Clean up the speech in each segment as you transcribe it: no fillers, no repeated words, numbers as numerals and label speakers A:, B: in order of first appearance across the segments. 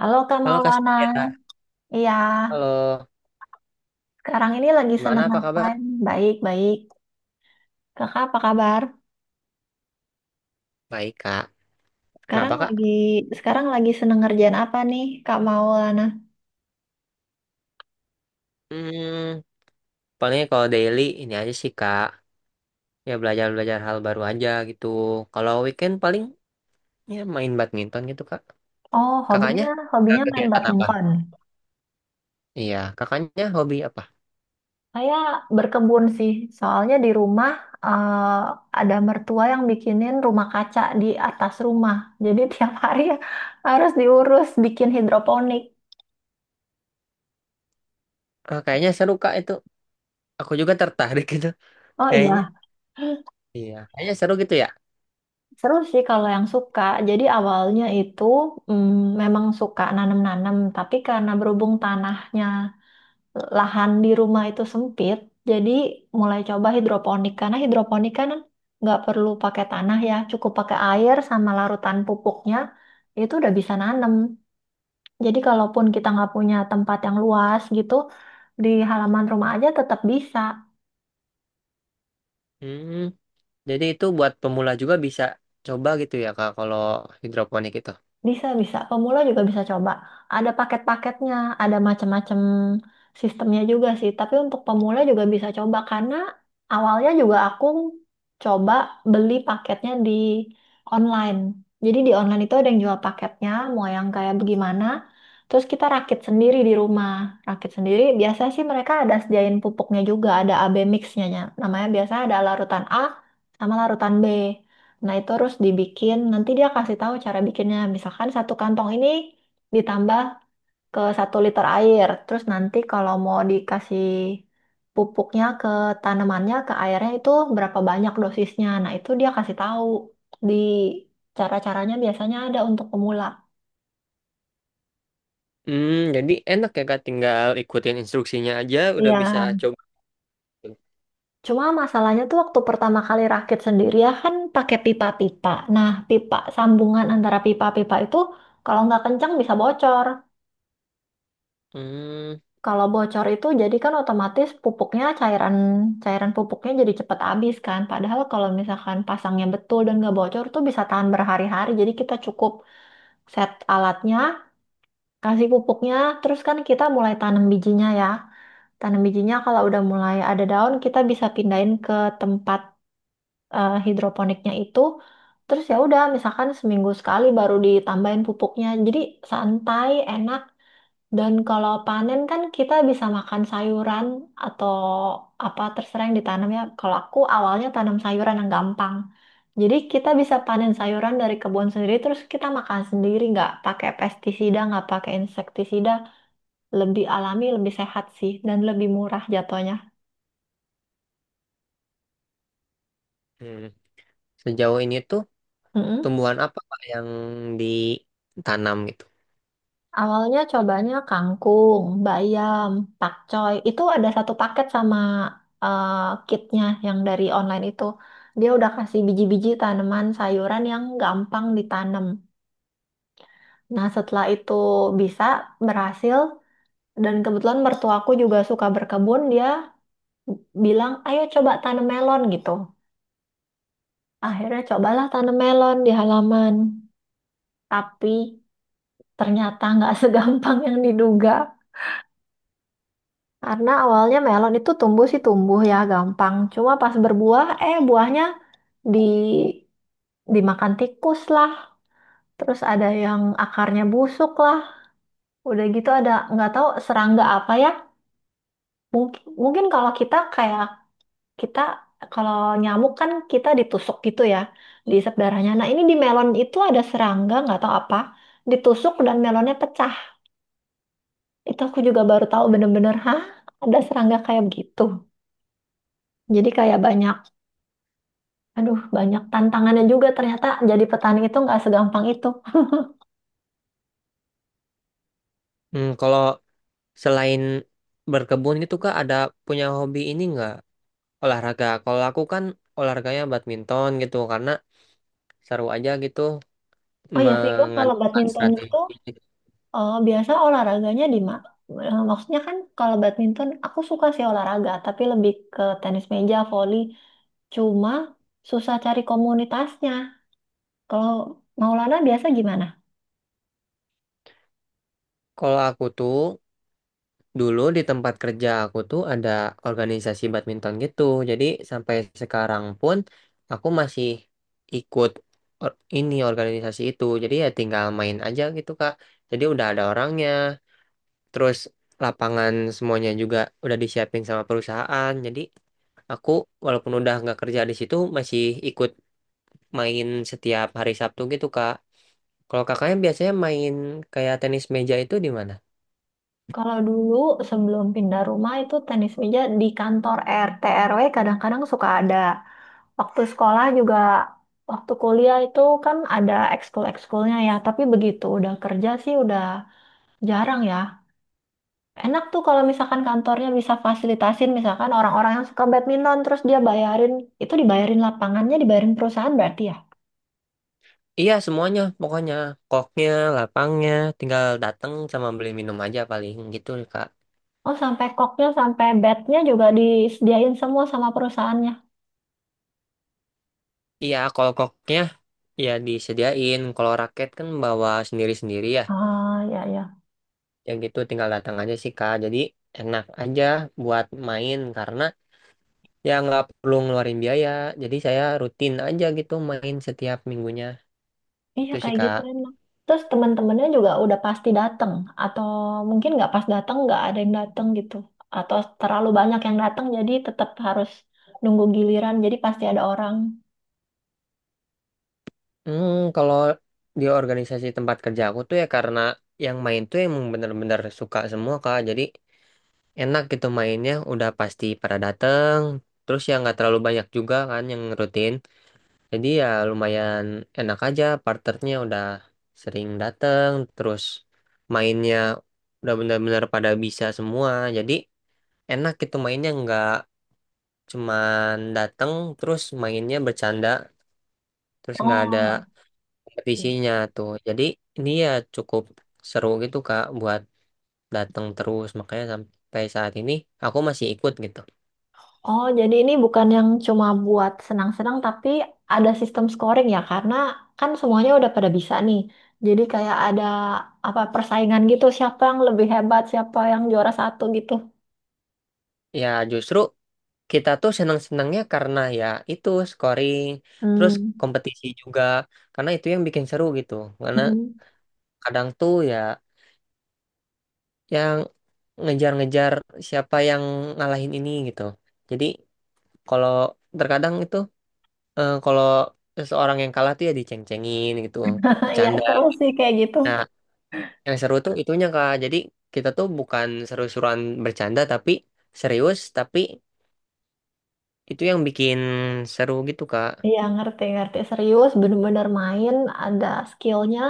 A: Halo Kak
B: Halo Kak
A: Maulana,
B: Sintia.
A: iya
B: Halo,
A: sekarang ini lagi seneng
B: gimana apa kabar?
A: ngapain? Baik, baik. Kakak apa kabar?
B: Baik Kak.
A: Sekarang
B: Kenapa Kak?
A: lagi sekarang lagi seneng ngerjain apa nih Kak Maulana?
B: Hmm, paling kalau daily ini aja sih Kak. Ya belajar-belajar hal baru aja gitu. Kalau weekend paling ya main badminton gitu Kak.
A: Oh,
B: Kakaknya?
A: hobinya
B: Ada
A: hobinya main
B: Kegiatan apa?
A: badminton.
B: Iya, kakaknya hobi apa?
A: Saya berkebun sih, soalnya di rumah ada mertua yang bikinin rumah kaca di atas rumah. Jadi tiap hari harus diurus bikin hidroponik.
B: Ah, kayaknya seru Kak itu. Aku juga tertarik gitu.
A: Oh
B: Kayaknya.
A: iya.
B: Iya, kayaknya seru gitu ya.
A: Seru sih kalau yang suka. Jadi awalnya itu memang suka nanam-nanam, tapi karena berhubung tanahnya, lahan di rumah itu sempit, jadi mulai coba hidroponik. Karena hidroponik kan nggak perlu pakai tanah ya, cukup pakai air sama larutan pupuknya, itu udah bisa nanam. Jadi kalaupun kita nggak punya tempat yang luas gitu, di halaman rumah aja tetap bisa.
B: Hmm, jadi itu buat pemula juga bisa coba gitu ya Kak kalau hidroponik itu.
A: Bisa, bisa. Pemula juga bisa coba. Ada paket-paketnya, ada macam-macam sistemnya juga sih. Tapi untuk pemula juga bisa coba karena awalnya juga aku coba beli paketnya di online. Jadi di online itu ada yang jual paketnya, mau yang kayak bagaimana. Terus kita rakit sendiri di rumah. Rakit sendiri, biasanya sih mereka ada sediain pupuknya juga, ada AB mixnya. Namanya biasanya ada larutan A sama larutan B. Nah, itu harus dibikin. Nanti dia kasih tahu cara bikinnya. Misalkan satu kantong ini ditambah ke satu liter air. Terus nanti kalau mau dikasih pupuknya ke tanamannya, ke airnya itu berapa banyak dosisnya. Nah, itu dia kasih tahu di cara-caranya biasanya ada untuk pemula.
B: Jadi enak ya Kak, tinggal ikutin instruksinya aja udah bisa
A: Iya.
B: coba.
A: Cuma masalahnya tuh waktu pertama kali rakit sendiri ya kan pakai pipa-pipa. Nah, pipa sambungan antara pipa-pipa itu kalau nggak kencang bisa bocor.
B: Hmm,
A: Kalau bocor itu jadi kan otomatis pupuknya cairan cairan pupuknya jadi cepat habis kan. Padahal kalau misalkan pasangnya betul dan nggak bocor tuh bisa tahan berhari-hari. Jadi kita cukup set alatnya, kasih pupuknya, terus kan kita mulai tanam bijinya ya. Tanam bijinya kalau udah mulai ada daun kita bisa pindahin ke tempat hidroponiknya itu. Terus ya udah misalkan seminggu sekali baru ditambahin pupuknya. Jadi santai, enak dan kalau panen kan kita bisa makan sayuran atau apa terserah yang ditanam ya. Kalau aku awalnya tanam sayuran yang gampang. Jadi kita bisa panen sayuran dari kebun sendiri terus kita makan sendiri nggak pakai pestisida, nggak pakai insektisida. Lebih alami, lebih sehat sih dan lebih murah jatuhnya.
B: hmm. Sejauh ini tuh tumbuhan apa Kak yang ditanam gitu?
A: Awalnya cobanya kangkung, bayam, pakcoy. Itu ada satu paket sama eh, kitnya yang dari online itu. Dia udah kasih biji-biji tanaman sayuran yang gampang ditanam. Nah, setelah itu bisa berhasil dan kebetulan mertuaku juga suka berkebun, dia bilang, "Ayo coba tanam melon" gitu. Akhirnya cobalah tanam melon di halaman. Tapi ternyata nggak segampang yang diduga. Karena awalnya melon itu tumbuh sih tumbuh ya gampang. Cuma pas berbuah, buahnya di dimakan tikus lah. Terus ada yang akarnya busuk lah. Udah gitu ada nggak tahu serangga apa ya. Mungkin mungkin kalau kita kayak kita kalau nyamuk kan kita ditusuk gitu ya, diisap darahnya. Nah ini di melon itu ada serangga nggak tahu apa, ditusuk dan melonnya pecah. Itu aku juga baru tahu bener-bener, hah? Ada serangga kayak begitu. Jadi kayak banyak Aduh, banyak tantangannya juga ternyata jadi petani itu nggak segampang itu.
B: Kalau selain berkebun gitu Kak ada punya hobi ini nggak olahraga? Kalau aku kan olahraganya badminton gitu karena seru aja gitu
A: Oh ya, Vigo, kalau
B: mengandalkan
A: badminton itu
B: strategi.
A: biasa olahraganya maksudnya kan kalau badminton, aku suka sih olahraga, tapi lebih ke tenis meja, voli. Cuma susah cari komunitasnya. Kalau Maulana biasa gimana?
B: Kalau aku tuh dulu di tempat kerja aku tuh ada organisasi badminton gitu. Jadi sampai sekarang pun aku masih ikut ini organisasi itu. Jadi ya tinggal main aja gitu, Kak. Jadi udah ada orangnya, terus lapangan semuanya juga udah disiapin sama perusahaan. Jadi aku walaupun udah nggak kerja di situ masih ikut main setiap hari Sabtu gitu, Kak. Kalau kakaknya biasanya main kayak tenis meja itu di mana?
A: Kalau dulu sebelum pindah rumah itu tenis meja di kantor RT RW kadang-kadang suka ada. Waktu sekolah juga, waktu kuliah itu kan ada ekskul-ekskulnya ya, tapi begitu udah kerja sih udah jarang ya. Enak tuh kalau misalkan kantornya bisa fasilitasin misalkan orang-orang yang suka badminton terus dia bayarin, itu dibayarin lapangannya, dibayarin perusahaan berarti ya.
B: Iya semuanya pokoknya koknya, lapangnya, tinggal datang sama beli minum aja paling gitu Kak.
A: Oh, sampai koknya, sampai batnya juga disediain semua sama perusahaannya.
B: Iya kalau koknya ya disediain, kalau raket kan bawa sendiri-sendiri ya.
A: Ah, ya ya.
B: Yang gitu tinggal datang aja sih Kak. Jadi enak aja buat main karena ya nggak perlu ngeluarin biaya. Jadi saya rutin aja gitu main setiap minggunya
A: Iya
B: gitu sih
A: kayak gitu
B: Kak.
A: enak. Terus teman-temannya juga udah pasti datang atau mungkin nggak pas datang nggak ada yang datang gitu atau terlalu banyak yang datang jadi tetap harus nunggu giliran jadi pasti ada orang.
B: Kalau di organisasi tempat kerja aku tuh ya karena yang main tuh emang bener-bener suka semua Kak. Jadi enak gitu mainnya udah pasti pada dateng terus ya nggak terlalu banyak juga kan yang rutin jadi ya lumayan enak aja parternya udah sering dateng terus mainnya udah benar-benar pada bisa semua jadi enak gitu mainnya nggak cuman dateng terus mainnya bercanda terus nggak ada
A: Oh.
B: kompetisinya tuh jadi ini ya cukup seru gitu Kak buat dateng terus makanya sampai saat ini aku masih ikut gitu.
A: Oh, jadi ini bukan yang cuma buat senang-senang tapi ada sistem scoring ya karena kan semuanya udah pada bisa nih. Jadi kayak ada apa persaingan gitu siapa yang lebih hebat, siapa yang juara satu gitu.
B: Ya, justru kita tuh senang-senangnya karena ya itu scoring, terus
A: Hmm.
B: kompetisi juga, karena itu yang bikin seru gitu. Karena
A: Hmm.
B: kadang tuh ya yang ngejar-ngejar siapa yang ngalahin ini gitu. Jadi kalau terkadang itu kalau seseorang yang kalah tuh ya diceng-cengin gitu,
A: Iya,
B: bercanda.
A: seru sih kayak gitu.
B: Nah, yang seru tuh itunya Kak. Jadi kita tuh bukan seru-seruan bercanda tapi serius, tapi itu yang bikin seru gitu Kak.
A: Iya ngerti ngerti serius bener-bener main ada skillnya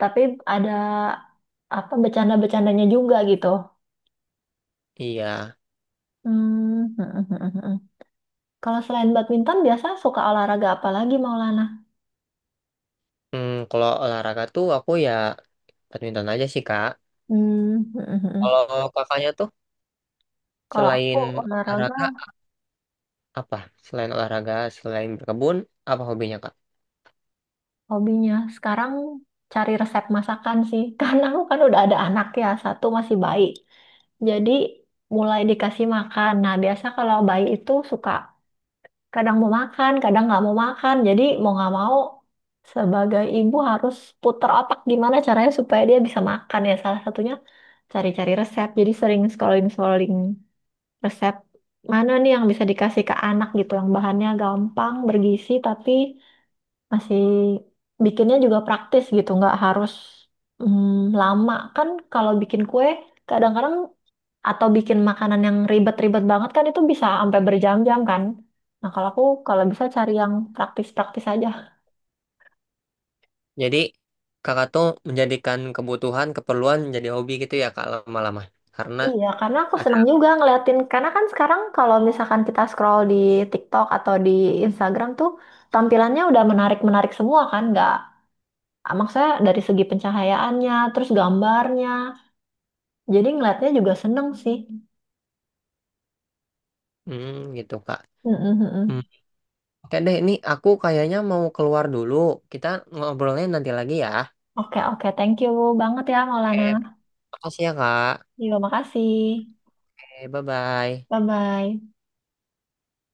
A: tapi ada apa bercanda-bercandanya juga gitu.
B: Iya.
A: Hmm. Hmm, hmm, hmm, hmm. Kalau selain badminton biasa suka olahraga apa lagi Maulana?
B: Kalau olahraga tuh aku ya badminton aja sih Kak.
A: Hmm. Hmm, hmm,
B: Kalau
A: hmm.
B: kakaknya tuh
A: Kalau aku
B: selain
A: olahraga
B: olahraga apa? Selain olahraga, selain berkebun, apa hobinya Kak?
A: hobinya sekarang cari resep masakan sih karena aku kan udah ada anak ya satu masih bayi. Jadi mulai dikasih makan. Nah, biasa kalau bayi itu suka kadang mau makan, kadang nggak mau makan. Jadi mau nggak mau sebagai ibu harus putar otak gimana caranya supaya dia bisa makan ya. Salah satunya cari-cari resep. Jadi sering scrolling-scrolling resep mana nih yang bisa dikasih ke anak gitu, yang bahannya gampang, bergizi tapi masih bikinnya juga praktis gitu, nggak harus lama kan kalau bikin kue kadang-kadang atau bikin makanan yang ribet-ribet banget kan itu bisa sampai berjam-jam kan. Nah, kalau aku kalau bisa cari yang praktis-praktis aja.
B: Jadi kakak tuh menjadikan kebutuhan, keperluan jadi hobi gitu ya Kak lama-lama. Karena
A: Iya, karena aku
B: ada
A: seneng juga ngeliatin. Karena kan sekarang kalau misalkan kita scroll di TikTok atau di Instagram tuh tampilannya udah menarik-menarik semua kan, nggak maksudnya dari segi pencahayaannya, terus gambarnya. Jadi ngeliatnya juga seneng sih.
B: gitu Kak.
A: Mm-mm,
B: Hmm.
A: mm-mm.
B: Oke deh, ini aku kayaknya mau keluar dulu. Kita ngobrolnya nanti lagi ya.
A: Oke, oke, thank you banget ya Maulana.
B: Eh, makasih ya Kak.
A: Terima makasih.
B: Bye-bye.
A: Bye-bye.